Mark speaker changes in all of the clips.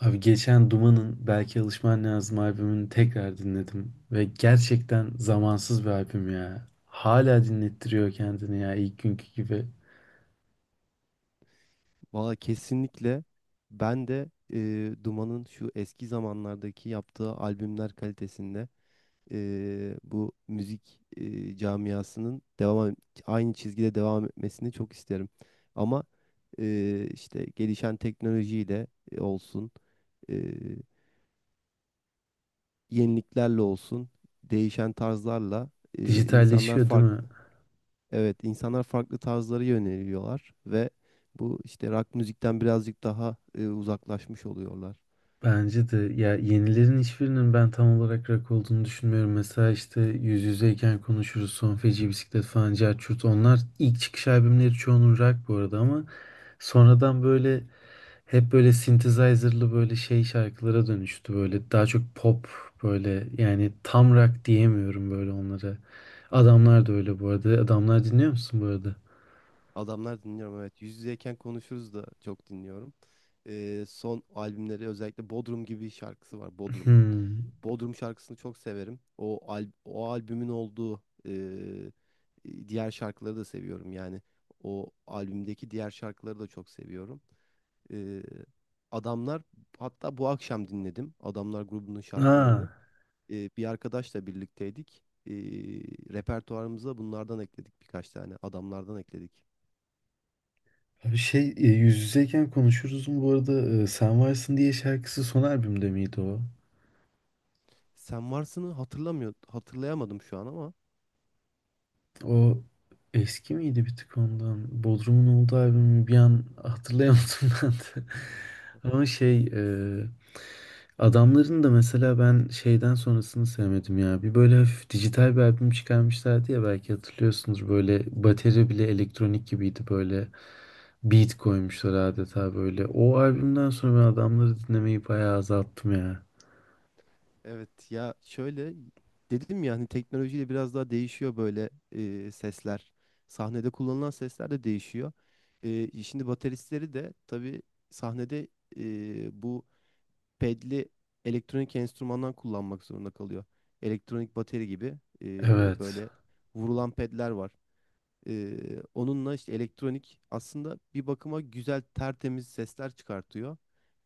Speaker 1: Abi geçen Duman'ın Belki Alışman Lazım albümünü tekrar dinledim. Ve gerçekten zamansız bir albüm ya. Hala dinlettiriyor kendini ya ilk günkü gibi.
Speaker 2: Valla kesinlikle ben de, Duman'ın şu eski zamanlardaki yaptığı albümler kalitesinde, bu müzik camiasının aynı çizgide devam etmesini çok isterim. Ama işte gelişen teknolojiyle olsun, yeniliklerle olsun, değişen tarzlarla insanlar
Speaker 1: Dijitalleşiyor değil mi?
Speaker 2: farklı evet insanlar farklı tarzları yöneliyorlar ve bu işte rock müzikten birazcık daha uzaklaşmış oluyorlar.
Speaker 1: Bence de ya yenilerin hiçbirinin ben tam olarak rock olduğunu düşünmüyorum. Mesela işte Yüz Yüzeyken Konuşuruz, Son Feci Bisiklet falan, Cerçurt onlar ilk çıkış albümleri çoğunun rock bu arada ama sonradan böyle hep böyle synthesizer'lı böyle şey şarkılara dönüştü böyle daha çok pop böyle yani tam rock diyemiyorum böyle onlara. Adamlar da öyle bu arada. Adamlar dinliyor musun bu arada?
Speaker 2: Adamlar dinliyorum, evet. Yüz yüzeyken konuşuruz da çok dinliyorum. Son albümleri özellikle Bodrum gibi şarkısı var. Bodrum.
Speaker 1: Hmm.
Speaker 2: Bodrum şarkısını çok severim. O albümün olduğu diğer şarkıları da seviyorum. Yani o albümdeki diğer şarkıları da çok seviyorum. Ee, adamlar, hatta bu akşam dinledim adamlar grubunun
Speaker 1: Ha.
Speaker 2: şarkılarını. Bir arkadaşla birlikteydik. Repertuarımıza bunlardan ekledik, birkaç tane adamlardan ekledik.
Speaker 1: Abi şey yüz yüzeyken konuşuruz mu bu arada Sen Varsın diye şarkısı son albümde miydi o?
Speaker 2: Sen varsını hatırlayamadım şu an ama
Speaker 1: O eski miydi bir tık ondan? Bodrum'un olduğu albümü bir an hatırlayamadım ben de. Ama şey e, Adamların da mesela ben şeyden sonrasını sevmedim ya. Bir böyle hafif dijital bir albüm çıkarmışlardı ya belki hatırlıyorsunuz. Böyle bateri bile elektronik gibiydi böyle. Beat koymuşlar adeta böyle. O albümden sonra ben adamları dinlemeyi bayağı azalttım ya.
Speaker 2: evet, ya şöyle, dedim ya hani teknolojiyle biraz daha değişiyor böyle sesler. Sahnede kullanılan sesler de değişiyor. Şimdi bateristleri de tabii sahnede bu pedli elektronik enstrümandan kullanmak zorunda kalıyor. Elektronik bateri gibi
Speaker 1: Evet.
Speaker 2: böyle vurulan pedler var. E, onunla işte elektronik aslında bir bakıma güzel tertemiz sesler çıkartıyor.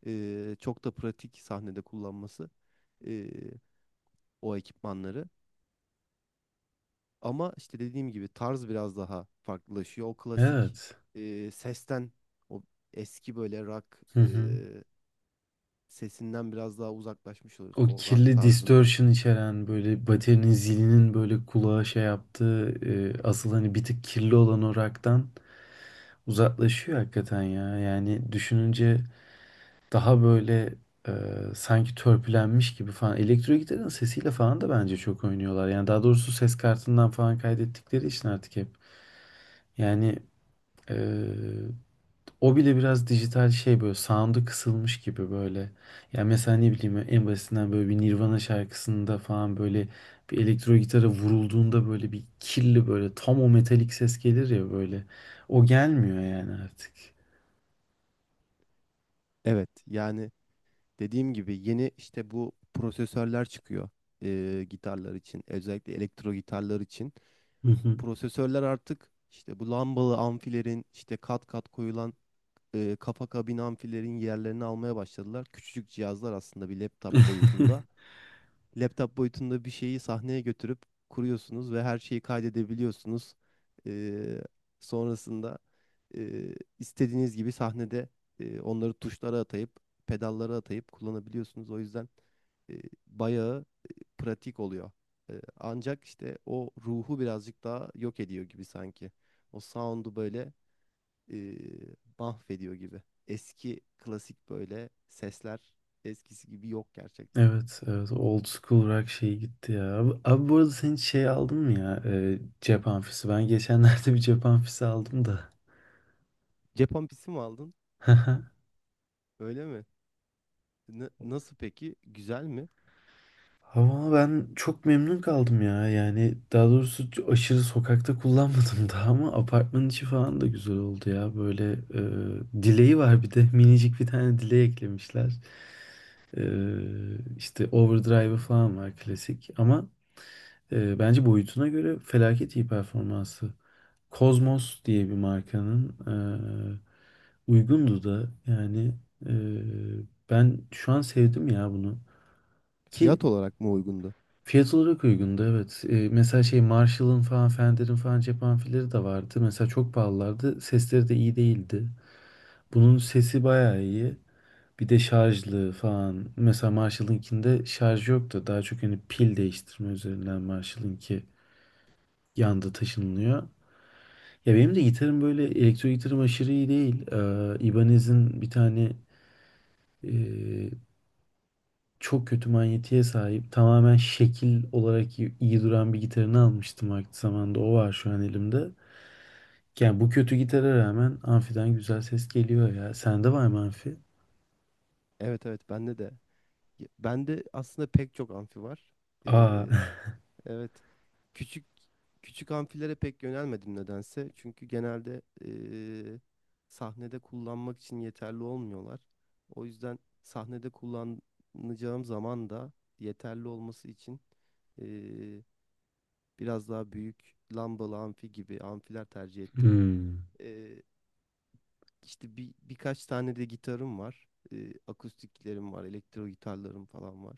Speaker 2: Çok da pratik sahnede kullanması e, o ekipmanları. Ama işte dediğim gibi tarz biraz daha farklılaşıyor. O klasik
Speaker 1: Evet.
Speaker 2: sesten, o eski böyle rock
Speaker 1: Hı
Speaker 2: e,
Speaker 1: hı.
Speaker 2: sesinden biraz daha uzaklaşmış oluyoruz.
Speaker 1: O
Speaker 2: O rock
Speaker 1: kirli
Speaker 2: tarzından.
Speaker 1: distortion içeren böyle baterinin zilinin böyle kulağa şey yaptığı asıl hani bir tık kirli olan o rock'tan uzaklaşıyor hakikaten ya. Yani düşününce daha böyle e, sanki törpülenmiş gibi falan. Elektro gitarın sesiyle falan da bence çok oynuyorlar. Yani daha doğrusu ses kartından falan kaydettikleri için artık hep. Yani e, o bile biraz dijital şey böyle sound'u kısılmış gibi böyle. Yani mesela ne bileyim en basitinden böyle bir Nirvana şarkısında falan böyle bir elektro gitara vurulduğunda böyle bir kirli böyle tam o metalik ses gelir ya böyle. O gelmiyor yani artık.
Speaker 2: Evet yani dediğim gibi yeni işte bu prosesörler çıkıyor, gitarlar için, özellikle elektro gitarlar için.
Speaker 1: Hı hı.
Speaker 2: Prosesörler artık işte bu lambalı amfilerin, işte kat kat koyulan kafa kabin amfilerin yerlerini almaya başladılar. Küçücük cihazlar aslında, bir laptop boyutunda, laptop boyutunda bir şeyi sahneye götürüp kuruyorsunuz ve her şeyi kaydedebiliyorsunuz. Ee, sonrasında istediğiniz gibi sahnede onları tuşlara atayıp, pedallara atayıp kullanabiliyorsunuz. O yüzden e, bayağı pratik oluyor. Ancak işte o ruhu birazcık daha yok ediyor gibi sanki. O sound'u böyle e, mahvediyor gibi. Eski klasik böyle seskler, eskisi gibi yok gerçekten.
Speaker 1: Evet, evet. Old school rock şeyi gitti ya. Abi, abi bu arada sen hiç şey aldın mı ya? Cep amfisi. Ben geçenlerde bir cep amfisi aldım da.
Speaker 2: Cep ampisi mi aldın? Öyle mi? Nasıl peki? Güzel mi?
Speaker 1: Ama ben çok memnun kaldım ya. Yani daha doğrusu aşırı sokakta kullanmadım daha ama apartmanın içi falan da güzel oldu ya. Böyle dileği var bir de. Minicik bir tane dileği eklemişler. E, işte overdrive falan var klasik. Ama bence boyutuna göre felaket iyi performansı. Cosmos diye bir markanın uygundu da yani eee, ben şu an sevdim ya bunu. Ki
Speaker 2: Fiyat olarak mı uygundu?
Speaker 1: fiyat olarak uygundu evet. Mesela şey Marshall'ın falan Fender'in falan cep amfileri de vardı. Mesela çok pahalılardı. Sesleri de iyi değildi. Bunun sesi bayağı iyi. Bir de şarjlı falan. Mesela Marshall'ınkinde şarj yoktu. Daha çok hani pil değiştirme üzerinden Marshall'ınki yanda taşınılıyor. Ya benim de gitarım böyle elektro gitarım aşırı iyi değil. Ibanez'in bir tane e, çok kötü manyetiğe sahip tamamen şekil olarak iyi, iyi duran bir gitarını almıştım vakti zamanında. O var şu an elimde. Yani bu kötü gitara rağmen amfiden güzel ses geliyor ya. Sende var mı amfi?
Speaker 2: Evet evet, bende de. Ya, bende aslında pek çok amfi var.
Speaker 1: Aa.
Speaker 2: Ee, evet. Küçük küçük amfilere pek yönelmedim nedense. Çünkü genelde sahnede kullanmak için yeterli olmuyorlar. O yüzden sahnede kullanacağım zaman da yeterli olması için ee, biraz daha büyük lambalı amfi gibi amfiler tercih ettim.
Speaker 1: Hmm.
Speaker 2: Ee, İşte bir birkaç tane de gitarım var. Akustiklerim var, elektro gitarlarım falan var.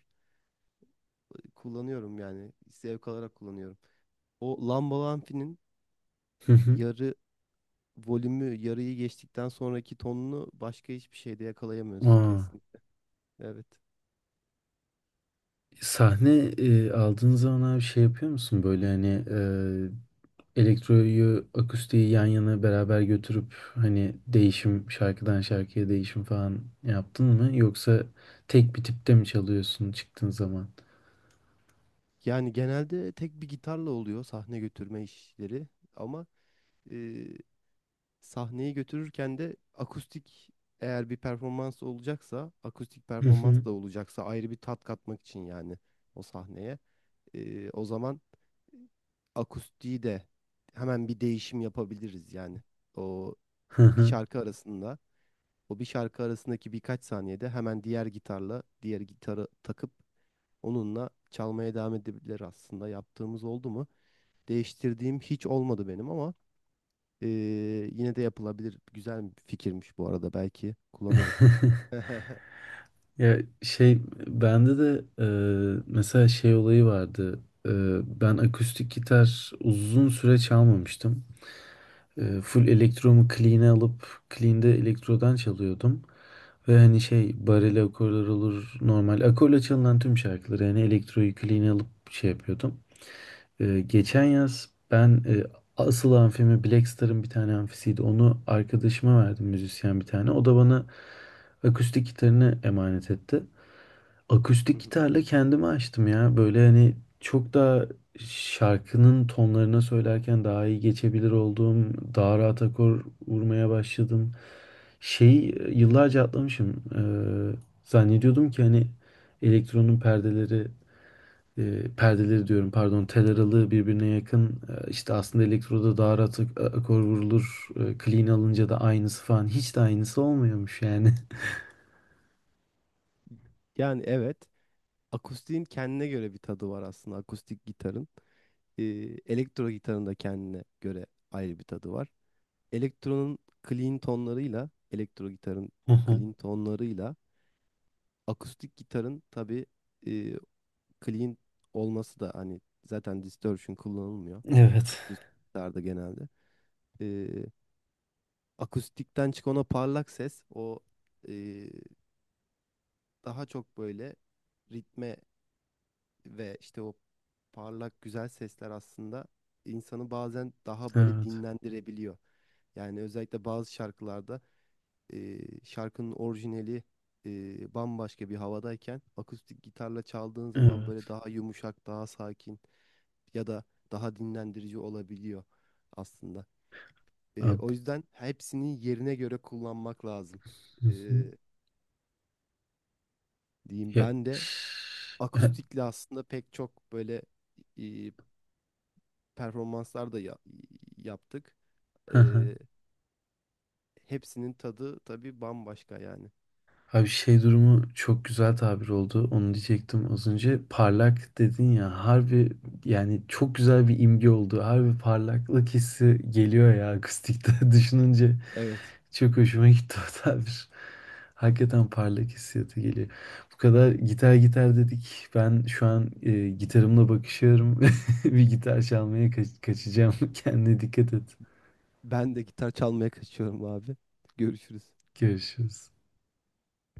Speaker 2: Kullanıyorum, yani zevk alarak kullanıyorum. O Lamba Lampi'nin
Speaker 1: Hı hı.
Speaker 2: yarı volümü, yarıyı geçtikten sonraki tonunu başka hiçbir şeyde yakalayamıyorsun
Speaker 1: Aa.
Speaker 2: kesin. Evet.
Speaker 1: Sahne aldığın zaman abi şey yapıyor musun böyle hani elektroyu, akustiği yan yana beraber götürüp hani değişim şarkıdan şarkıya değişim falan yaptın mı? Yoksa tek bir tipte mi çalıyorsun çıktığın zaman?
Speaker 2: Yani genelde tek bir gitarla oluyor sahne götürme işleri, ama e, sahneyi götürürken de akustik, eğer bir performans olacaksa, akustik
Speaker 1: Hı hı.
Speaker 2: performans da olacaksa, ayrı bir tat katmak için yani o sahneye. O zaman akustiği de hemen bir değişim yapabiliriz yani. O
Speaker 1: Hı
Speaker 2: bir
Speaker 1: hı.
Speaker 2: şarkı arasında, o bir şarkı arasındaki birkaç saniyede, hemen diğer gitarla, diğer gitarı takıp onunla çalmaya devam edebilir aslında. Yaptığımız oldu mu? Değiştirdiğim hiç olmadı benim, ama eee, yine de yapılabilir. Güzel bir fikirmiş bu arada. Belki kullanırım.
Speaker 1: Ya şey bende de mesela şey olayı vardı. E, ben akustik gitar uzun süre çalmamıştım. Full elektromu clean'e alıp clean'de elektrodan çalıyordum. Ve hani şey bareli akorlar olur normal akorla çalınan tüm şarkıları yani elektro yükleyini alıp şey yapıyordum. Geçen yaz ben asıl amfimi Black Star'ın bir tane amfisiydi. Onu arkadaşıma verdim müzisyen bir tane. O da bana akustik gitarını emanet etti. Akustik gitarla kendimi açtım ya. Böyle hani çok daha şarkının tonlarına söylerken daha iyi geçebilir olduğum, daha rahat akor vurmaya başladım. Şey yıllarca atlamışım. Zannediyordum ki hani elektronun perdeleri, perdeleri diyorum pardon, tel aralığı birbirine yakın. İşte aslında elektroda daha rahat akor vurulur. Clean alınca da aynısı falan. Hiç de aynısı olmuyormuş yani.
Speaker 2: Yani evet, akustiğin kendine göre bir tadı var aslında, akustik gitarın. e, elektro gitarın da kendine göre ayrı bir tadı var. Elektronun clean tonlarıyla, elektro gitarın clean tonlarıyla, akustik gitarın tabii e, clean olması da, hani zaten distortion kullanılmıyor
Speaker 1: Evet.
Speaker 2: akustik gitarda genelde. E, akustikten çıkan o parlak ses, o e, daha çok böyle ritme ve işte o parlak güzel sesler aslında insanı bazen daha böyle
Speaker 1: Evet.
Speaker 2: dinlendirebiliyor. Yani özellikle bazı şarkılarda e, şarkının orijinali bambaşka bir havadayken, akustik gitarla çaldığın zaman böyle daha yumuşak, daha sakin ya da daha dinlendirici olabiliyor aslında.
Speaker 1: Evet.
Speaker 2: O yüzden hepsini yerine göre kullanmak lazım.
Speaker 1: Hı
Speaker 2: E,
Speaker 1: hı.
Speaker 2: diyeyim
Speaker 1: Ya,
Speaker 2: ben de
Speaker 1: ya-
Speaker 2: akustikle aslında pek çok böyle performanslar da yaptık.
Speaker 1: hı hı.
Speaker 2: Ee, hepsinin tadı tabii bambaşka yani.
Speaker 1: Abi şey durumu çok güzel tabir oldu. Onu diyecektim az önce. Parlak dedin ya. Harbi yani çok güzel bir imge oldu. Harbi parlaklık hissi geliyor ya akustikte düşününce.
Speaker 2: Evet.
Speaker 1: Çok hoşuma gitti o tabir. Hakikaten parlak hissiyatı geliyor. Bu kadar gitar gitar dedik. Ben şu an gitarımla bakışıyorum. Bir gitar çalmaya kaçacağım. Kendine dikkat et.
Speaker 2: Ben de gitar çalmaya kaçıyorum abi. Görüşürüz.
Speaker 1: Görüşürüz.